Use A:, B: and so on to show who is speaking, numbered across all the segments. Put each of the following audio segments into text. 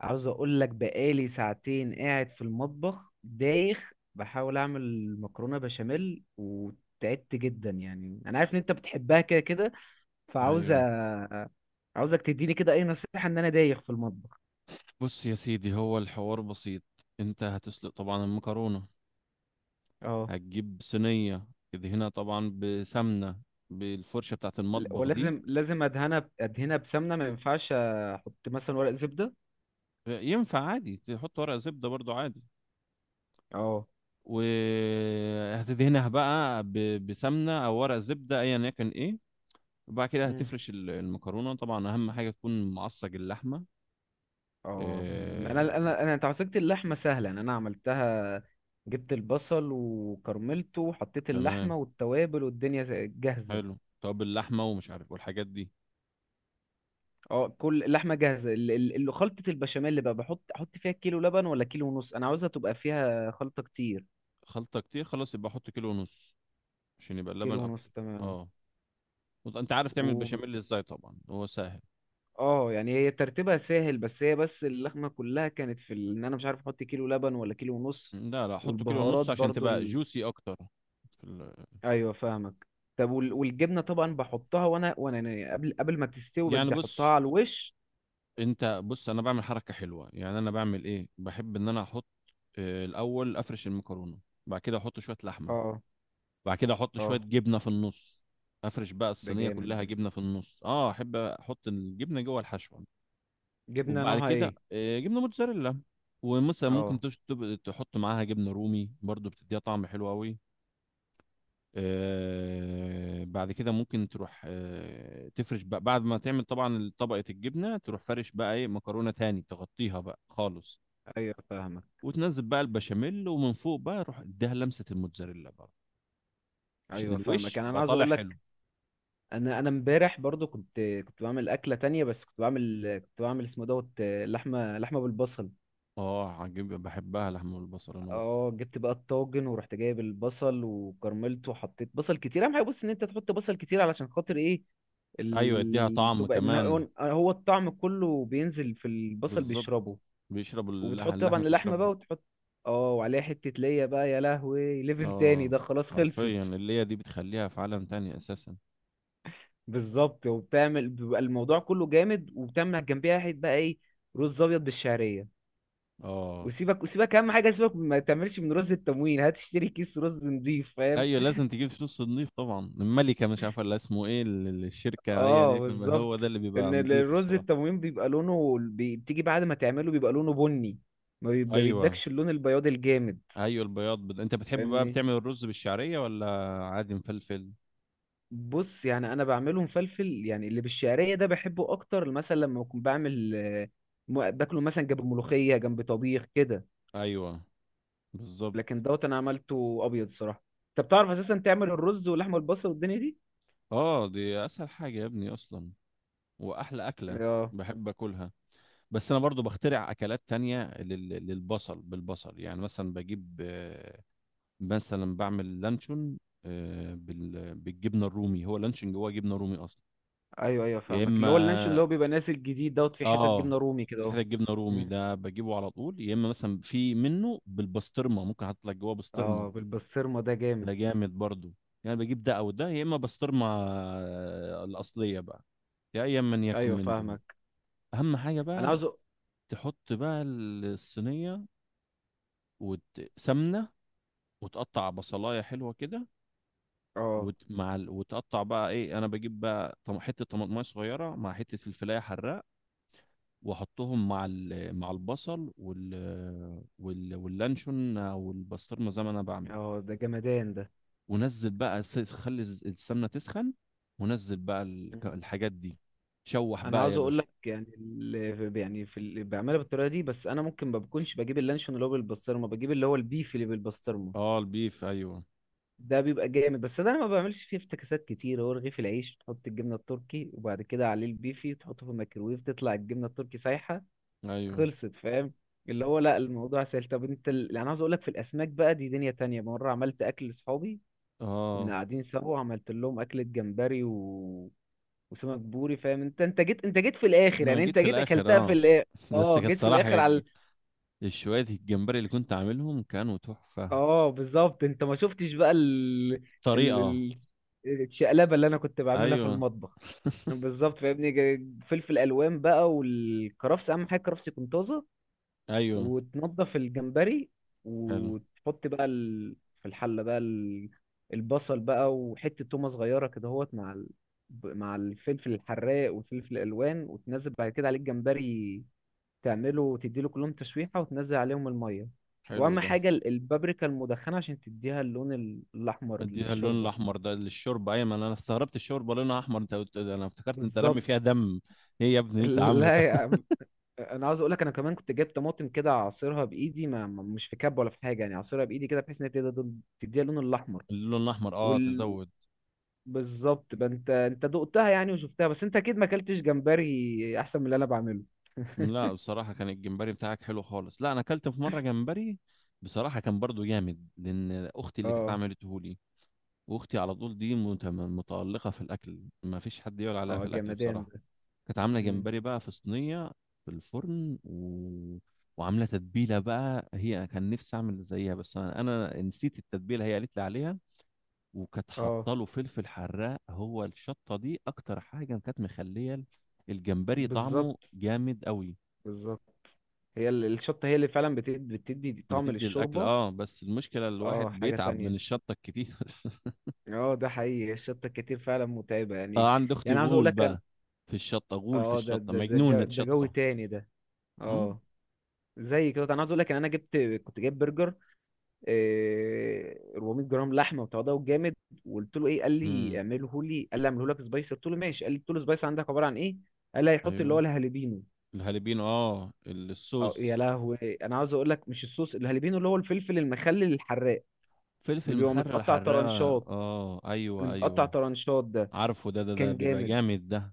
A: عاوز اقول لك، بقالي ساعتين قاعد في المطبخ دايخ بحاول اعمل مكرونه بشاميل وتعبت جدا. يعني انا عارف ان انت بتحبها كده كده. فعاوز أ-
B: ايوه.
A: عاوزك تديني كده اي نصيحه، ان انا دايخ في المطبخ.
B: بص يا سيدي، هو الحوار بسيط. انت هتسلق طبعا المكرونه.
A: اه.
B: هتجيب صينيه، تدهنها طبعا بسمنه بالفرشه بتاعه المطبخ دي.
A: ولازم لازم ادهنها ادهنها بسمنه، ما ينفعش احط مثلا ورق زبده؟
B: ينفع عادي تحط ورق زبده برضو عادي.
A: اه.
B: وهتدهنها بقى بسمنه او ورق زبده ايا يكن ايه. وبعد كده
A: مم.
B: هتفرش المكرونه طبعا، اهم حاجه تكون معصج اللحمه.
A: اه. انا
B: آه...
A: انا انا تعصيجة اللحمه سهله، يعني انا عملتها. جبت البصل وكرملته وحطيت
B: تمام.
A: اللحمه والتوابل والدنيا جاهزه.
B: حلو، طب اللحمه ومش عارف والحاجات دي.
A: اه، كل اللحمه جاهزه. اللي خلطه البشاميل اللي بقى، بحط احط فيها كيلو لبن ولا كيلو ونص؟ انا عاوزها تبقى فيها خلطه كتير.
B: خلطه كتير، خلاص يبقى حط كيلو ونص عشان يبقى اللبن
A: كيلو ونص،
B: اكتر.
A: تمام.
B: اه. انت عارف تعمل
A: و
B: بشاميل ازاي؟ طبعا هو سهل.
A: اه يعني هي ترتيبها سهل، بس هي اللحمه كلها كانت في ان انا مش عارف احط كيلو لبن ولا كيلو ونص.
B: لا لا، حطه كيلو
A: والبهارات
B: ونص عشان
A: برضو.
B: تبقى جوسي اكتر. في ال...
A: ايوه فاهمك. طب والجبنه طبعا بحطها، وانا يعني قبل ما تستوي
B: يعني
A: بدي احطها
B: بص.
A: على الوش.
B: انت بص، انا بعمل حركه حلوه. يعني انا بعمل ايه، بحب ان انا احط الاول افرش المكرونه. بعد كده احط شويه لحمه.
A: اه.
B: بعد كده احط شويه
A: اه.
B: جبنه في النص. افرش بقى
A: ده
B: الصينيه
A: جامد
B: كلها
A: ده.
B: جبنه في النص، اه احب احط الجبنه جوه الحشوه.
A: جبنه
B: وبعد
A: نوعها
B: كده
A: ايه؟
B: جبنه موتزاريلا. ومثلا ممكن
A: اه.
B: تحط معاها جبنه رومي برضو بتديها طعم حلو قوي. بعد كده ممكن تروح تفرش بقى بعد ما تعمل طبعا طبقة الجبنة، تروح فرش بقى ايه مكرونة تاني تغطيها بقى خالص.
A: ايوه فاهمك.
B: وتنزل بقى البشاميل، ومن فوق بقى روح اديها لمسة الموتزاريلا بقى عشان
A: ايوه فاهمك.
B: الوش
A: يعني انا
B: يبقى
A: عاوز
B: طالع
A: اقول
B: حلو.
A: لك، انا امبارح برضو كنت بعمل اكله تانية، بس كنت بعمل اسمه دوت لحمه بالبصل.
B: اه عجيب، بحبها لحمة والبصل انا برضه.
A: اه، جبت بقى الطاجن ورحت جايب البصل وكرملته وحطيت بصل كتير. اهم حاجه، بص، ان انت تحط بصل كتير. علشان خاطر ايه؟
B: ايوه اديها طعم
A: تبقى ان
B: كمان.
A: هو هو الطعم كله بينزل في البصل،
B: بالظبط.
A: بيشربه.
B: بيشربوا
A: وبتحط طبعا
B: اللحمة
A: اللحمه
B: تشربه.
A: بقى وتحط، اه، وعليها حته ليا بقى، يا لهوي، ليفل تاني
B: اه
A: ده، خلاص خلصت.
B: حرفيا اللي هي دي بتخليها في عالم تاني اساسا.
A: بالظبط. وبتعمل بيبقى الموضوع كله جامد، وبتعمل جنبيها حته بقى ايه؟ رز ابيض بالشعريه.
B: اه
A: وسيبك، اهم حاجه سيبك ما تعملش من رز التموين، هات اشتري كيس رز نضيف، فاهم؟
B: ايوه، لازم تجيب فلوس نضيف طبعا. الملكه مش عارفه اللي اسمه ايه، الشركه ايا
A: اه
B: يكن بقى، هو ده
A: بالظبط.
B: اللي بيبقى
A: ان
B: نضيف
A: الرز
B: الصراحه.
A: التموين بيبقى لونه، بتيجي بعد ما تعمله بيبقى لونه بني. ما
B: ايوه
A: بيدكش اللون البياض الجامد.
B: ايوه، البياض انت بتحب بقى
A: فاهمني.
B: بتعمل الرز بالشعريه ولا عادي مفلفل؟
A: بص، يعني انا بعمله مفلفل، يعني اللي بالشعريه ده بحبه اكتر مثلا لما اكون بعمل باكله مثلا جنب ملوخيه، جنب طبيخ كده.
B: ايوه بالظبط.
A: لكن دوت انا عملته ابيض صراحه. انت بتعرف اساسا تعمل الرز واللحمه البصل والدنيا دي؟
B: اه دي اسهل حاجه يا ابني اصلا، واحلى اكله.
A: اه.
B: بحب اكلها. بس انا برضو بخترع اكلات تانية للبصل، بالبصل يعني. مثلا بجيب مثلا بعمل لانشون بالجبنه الرومي. هو لانشون جواه جبنه رومي اصلا.
A: ايوه ايوه
B: يا
A: فاهمك. اللي هو اللانشون اللي هو
B: اما،
A: بيبقى نازل جديد دوت فيه حته
B: اه،
A: جبنه رومي كده
B: في
A: اهو.
B: حته جبنه رومي
A: مم.
B: ده بجيبه على طول، يا اما مثلا في منه بالبسطرمه، ممكن احط لك جواه بسطرمه.
A: اه. بالبسطرمه ده جامد.
B: ده جامد برضو. يعني بجيب ده او ده، يا اما بسطرمه الاصليه بقى، يا ايا من يكن
A: ايوه
B: من دون.
A: فاهمك.
B: اهم حاجه
A: انا
B: بقى
A: عاوز أ-
B: تحط بقى الصينيه وسمنه، وتقطع بصلايه حلوه كده.
A: اه.
B: وتقطع بقى ايه، انا بجيب بقى حته طماطمايه صغيره مع حته فلفلايه حراء، واحطهم مع مع البصل وال واللانشون او البسطرمه زي ما انا بعمل.
A: اه، ده جمدان ده.
B: ونزل بقى خلي السمنه تسخن. ونزل بقى
A: مم.
B: الحاجات دي. شوح
A: انا
B: بقى
A: عاوز
B: يا
A: اقول
B: باشا.
A: لك، يعني اللي يعني في اللي بعملها بالطريقه دي، بس انا ممكن ما بكونش بجيب اللانشون اللي هو بالبسطرمه، بجيب اللي هو البيف اللي بالبسطرمه.
B: اه البيف ايوه.
A: ده بيبقى جامد. بس ده انا ما بعملش فيه افتكاسات كتير. هو رغيف العيش تحط الجبنه التركي وبعد كده عليه البيفي، تحطه في الميكرويف، تطلع الجبنه التركي سايحه،
B: ايوه
A: خلصت، فاهم؟ اللي هو لا، الموضوع سهل. طب انت يعني انا عاوز اقول لك، في الاسماك بقى دي دنيا تانية. مره عملت اكل لاصحابي، كنا
B: اه
A: قاعدين سوا وعملت لهم اكلة جمبري و... وسمك بوري، فاهم؟ انت جيت في الاخر،
B: انا
A: يعني
B: جيت
A: انت
B: في
A: جيت
B: الاخر
A: اكلتها في
B: اه.
A: الاخر.
B: بس
A: اه
B: كانت
A: جيت في
B: صراحه
A: الاخر على
B: الشوية، الجمبري اللي كنت عاملهم كانوا تحفه.
A: اه بالظبط. انت ما شفتش بقى
B: طريقه.
A: ال... الشقلبة اللي انا كنت بعملها في
B: ايوه
A: المطبخ. بالظبط فاهمني. فلفل الوان بقى والكرفس، اهم حاجه الكرفس يكون طازه،
B: ايوه،
A: وتنضف الجمبري
B: حلو
A: وتحط بقى ال... في الحلة بقى ال... البصل بقى وحتة تومة صغيرة كده اهوت مع ال... مع الفلفل الحراق والفلفل الألوان، وتنزل بعد كده عليه الجمبري، تعمله تديله كلهم تشويحة وتنزل عليهم المية.
B: حلو
A: وأهم
B: ده.
A: حاجة البابريكا المدخنة عشان تديها اللون الأحمر
B: مديها اللون
A: للشوربة.
B: الاحمر ده للشوربه؟ ايوه، ما أنا استغربت الشوربه لونها احمر. انت قلت ده، انا افتكرت انت رامي
A: بالظبط.
B: فيها دم. ايه يا ابني انت عامله ده؟
A: لا يا عم. انا عاوز اقول لك، انا كمان كنت جايب طماطم كده اعصرها بايدي، مش في كب ولا في حاجه، يعني اعصرها بايدي كده بحيث ان هي تديها تديها اللون الاحمر.
B: اللون الاحمر اه
A: وال...
B: تزود.
A: بالظبط بقى. انت دقتها يعني وشفتها، بس انت اكيد ما اكلتش جمبري احسن من اللي انا بعمله.
B: لا بصراحه، كان الجمبري بتاعك حلو خالص. لا انا اكلت في مره جمبري بصراحه كان برضو جامد، لان اختي اللي كانت
A: اه.
B: عملته لي. واختي على طول دي متالقه في الاكل، ما فيش حد يقول عليها
A: اه
B: في الاكل
A: جمدان
B: بصراحه.
A: ده.
B: كانت عامله
A: مم.
B: جمبري بقى في صينيه في الفرن وعامله تتبيله بقى هي. كان نفسي اعمل زيها، بس انا نسيت التتبيله هي قالت لي عليها. وكانت
A: اه
B: حاطه له فلفل حراق، هو الشطه دي اكتر حاجه كانت مخليه الجمبري طعمه
A: بالظبط.
B: جامد قوي.
A: بالظبط. هي الشطه هي اللي فعلا بتدي طعم
B: بتدي الاكل
A: للشوربه.
B: اه، بس المشكله
A: اه،
B: الواحد
A: حاجه
B: بيتعب من
A: تانية.
B: الشطه الكتير.
A: اه ده حقيقي، الشطه الكتير فعلا متعبه
B: اه
A: يعني.
B: عند اختي
A: يعني عاوز اقول
B: غول
A: لك
B: بقى. في الشطه غول، في
A: اه. ده
B: الشطه
A: ده ده جو،
B: مجنونه
A: ده جو
B: شطه.
A: تاني ده.
B: امم
A: اه. زي كده انا عاوز اقول لك ان انا جبت، كنت جايب برجر إيه 400 جرام لحمه، وتواضعه جامد. وقلت له ايه؟ قال لي
B: امم
A: اعمله لي، قال لي اعمله لك سبايسي، قلت له ماشي. قال لي، قلت له سبايسي عندك عباره عن ايه؟ قال لي هيحط اللي هو
B: ايوه.
A: الهالبينو.
B: الهالبينو اه
A: اه يا
B: الصوص.
A: لهوي. انا عاوز اقول لك، مش الصوص، الهالبينو اللي هو الفلفل المخلل الحراق، اللي
B: فلفل
A: بيبقى
B: مخلل
A: متقطع
B: حراق
A: طرنشات،
B: اه،
A: اللي
B: ايوه
A: متقطع
B: ايوه.
A: طرنشات ده.
B: عارفه ده
A: كان
B: بيبقى
A: جامد.
B: جامد ده.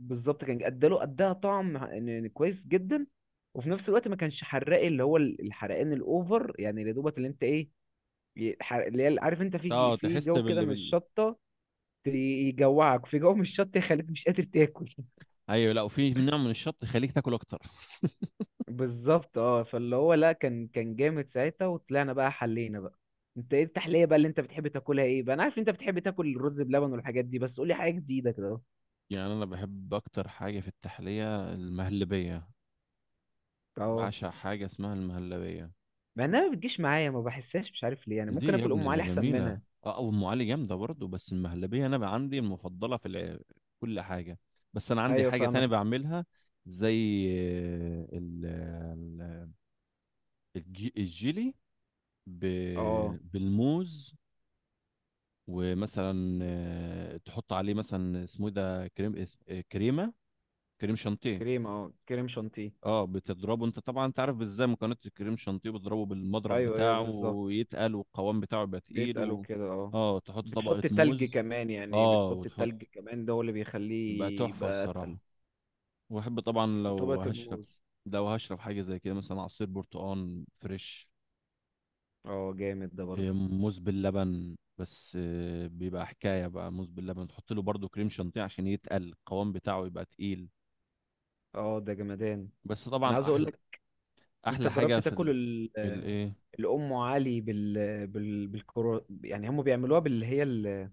A: بالظبط. كان اداها طعم كويس جدا. وفي نفس الوقت ما كانش حراق، اللي هو الحرقان الاوفر. يعني يا دوبك، اللي انت ايه، اللي هي، عارف انت في
B: اه
A: في
B: تحس
A: جو كده
B: بال
A: من
B: بال
A: الشطه، يجوعك في جو من الشطه، يخليك مش قادر تاكل.
B: ايوه لا، وفي نوع من الشط يخليك تاكل اكتر.
A: بالظبط. اه فاللي هو لا، كان جامد ساعتها. وطلعنا بقى، حلينا بقى. انت ايه التحليه بقى اللي انت بتحب تاكلها ايه بقى؟ انا عارف انت بتحب تاكل الرز بلبن والحاجات دي، بس قولي حاجه جديده كده اهو.
B: يعني انا بحب اكتر حاجه في التحليه المهلبيه.
A: اه،
B: بعشق حاجه اسمها المهلبيه.
A: مع انها ما بتجيش معايا، ما بحسهاش، مش عارف ليه. يعني ممكن
B: دي يا
A: اكل
B: ابني
A: ام
B: ده
A: علي احسن
B: جميله.
A: منها.
B: اه، او ام علي جامده برضه، بس المهلبيه انا بقى عندي المفضله في كل حاجه. بس انا عندي
A: ايوه
B: حاجه تانية
A: فاهمك.
B: بعملها، زي ال- ال- الجيلي
A: اه
B: بالموز. ومثلا تحط عليه مثلا اسمه إيه ده، كريم كريمه، كريم شانتيه.
A: اه كريم شانتيه.
B: اه بتضربه انت طبعا، انت عارف ازاي مكونات الكريم شانتيه. بتضربه بالمضرب
A: ايوه ايوه
B: بتاعه
A: بالظبط.
B: ويتقل، والقوام بتاعه يبقى تقيل
A: بيتقالوا كده، اه.
B: اه تحط طبقه
A: بتحط تلج
B: موز.
A: كمان، يعني
B: اه
A: بتحط
B: وتحط.
A: التلج كمان ده هو اللي
B: يبقى
A: بيخليه
B: تحفه
A: يبقى
B: الصراحه.
A: اتقل.
B: واحب طبعا لو
A: وطبقة
B: هشرب،
A: الموز.
B: حاجه زي كده، مثلا عصير برتقال فريش.
A: اه جامد ده برضه.
B: موز باللبن، بس بيبقى حكايه بقى. موز باللبن تحط له برضو كريم شانتيه عشان يتقل القوام بتاعه يبقى تقيل.
A: اه ده جمدان.
B: بس
A: انا
B: طبعا
A: عاوز اقول لك، انت
B: احلى حاجه
A: جربت
B: في
A: تاكل
B: ال...
A: ال
B: الايه.
A: الام علي بال بال بالكرو يعني هم بيعملوها باللي هي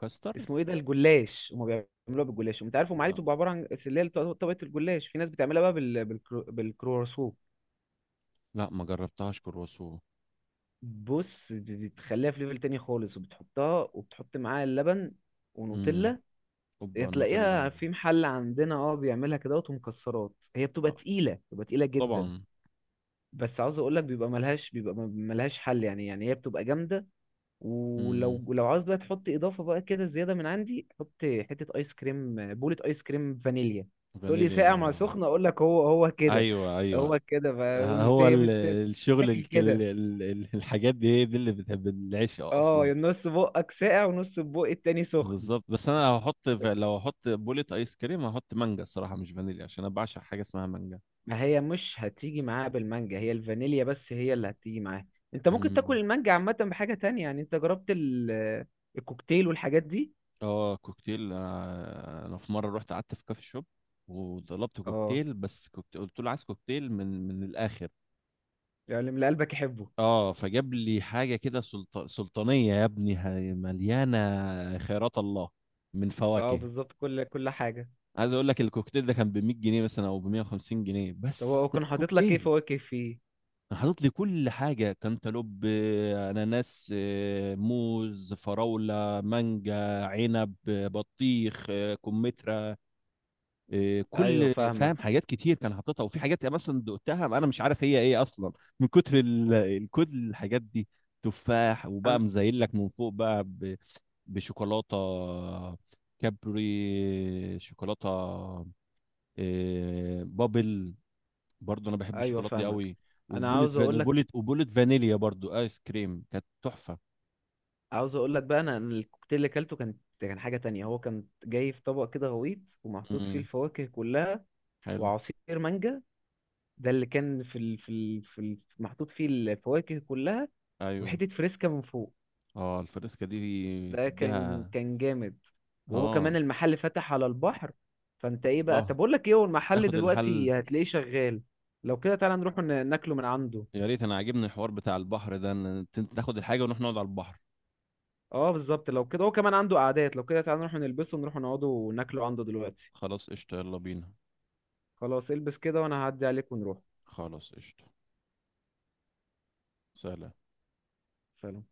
B: كاستر.
A: اسمه ايه ده، الجلاش. هم بيعملوها بالجلاش. وانت عارف ام علي
B: لا
A: بتبقى عباره عن اللي هي طبقه الجلاش. في ناس بتعملها بقى بالكرواسون.
B: لا، ما جربتهاش كرواسو.
A: بص بتخليها في ليفل تاني خالص، وبتحطها وبتحط معاها اللبن
B: امم.
A: ونوتيلا.
B: اوبا
A: هي
B: النوتيلا.
A: تلاقيها في محل عندنا، اه بيعملها كده ومكسرات. هي بتبقى
B: آه،
A: تقيلة، بتبقى تقيلة جدا.
B: طبعا.
A: بس عاوز اقول لك بيبقى ملهاش، بيبقى ملهاش حل، يعني هي بتبقى جامدة.
B: امم.
A: ولو عاوز بقى تحط اضافة بقى كده زيادة من عندي، حط حتة ايس كريم، بولة ايس كريم فانيليا. تقول لي
B: فانيليا
A: ساقع مع سخنة، اقول لك هو هو كده،
B: ايوه ايوه.
A: هو كده.
B: هو
A: هي
B: الشغل
A: بتتاكل كده.
B: الحاجات دي هي دي اللي بتحب العيش
A: اه،
B: اصلا.
A: يا نص بقك ساقع ونص بقى التاني سخن.
B: بالظبط. بس انا لو هحط بولة ايس كريم، هحط مانجا الصراحه، مش فانيليا، عشان انا بعشق حاجه اسمها
A: ما هي مش هتيجي معاها بالمانجا، هي الفانيليا بس هي اللي هتيجي معاها. انت ممكن تاكل
B: مانجا.
A: المانجا عامة بحاجة تانية. يعني انت جربت الكوكتيل والحاجات دي؟
B: اه كوكتيل، انا في مره رحت قعدت في كافي شوب وطلبت
A: اه،
B: كوكتيل. بس كوكتيل، قلت له عايز كوكتيل من الاخر.
A: يعني من اللي قلبك يحبه.
B: اه فجاب لي حاجه كده سلطانيه يا ابني، مليانه خيرات الله من
A: اه
B: فواكه.
A: بالظبط، كل حاجة.
B: عايز اقول لك الكوكتيل ده كان ب 100 جنيه مثلا، او ب 150 جنيه.
A: طب
B: بس
A: هو
B: ده
A: كان حاطط لك ايه
B: كوكتيل
A: فواكه فيه؟
B: حاطط لي كل حاجه، كانتالوب اناناس موز، فراوله، مانجا، عنب بطيخ كمثرى، إيه،
A: ايوه
B: كل، فاهم،
A: فاهمك.
B: حاجات كتير كان حاططها. وفي حاجات يعني مثلا دقتها انا مش عارف هي ايه اصلا، من كتر الكود الحاجات دي. تفاح. وبقى
A: انا
B: مزين لك من فوق بقى بشوكولاته كابري شوكولاته، إيه، بابل. برضو انا بحب
A: ايوه
B: الشوكولاته دي
A: فاهمك.
B: قوي.
A: انا عاوز اقول لك،
B: وبولت فانيليا برضو ايس كريم، كانت تحفه.
A: عاوز اقول لك بقى، انا الكوكتيل اللي اكلته كان، كان حاجة تانية. هو كان جاي في طبق كده غويط، ومحطوط فيه
B: امم.
A: الفواكه كلها
B: حلو.
A: وعصير مانجا. ده اللي كان في محطوط فيه الفواكه كلها.
B: ايوه.
A: وحتة فريسكا من فوق.
B: اه الفريسكا دي
A: ده
B: تديها.
A: كان جامد. وهو
B: اه.
A: كمان المحل فتح على البحر. فانت ايه بقى؟ طب
B: اوبا.
A: اقول لك ايه، هو المحل
B: تاخد الحل.
A: دلوقتي هتلاقيه شغال. لو كده تعالى نروح ناكله من عنده.
B: يا ريت، انا عاجبني الحوار بتاع البحر ده، ان انت تاخد الحاجة ونروح نقعد على البحر.
A: اه بالظبط. لو كده هو كمان عنده قعدات. لو كده تعالى نروح نلبسه ونروح نقعده وناكله عنده دلوقتي.
B: خلاص قشطة، يلا بينا.
A: خلاص. البس كده وانا هعدي عليك ونروح.
B: خلاص قشطة. سلام.
A: سلام.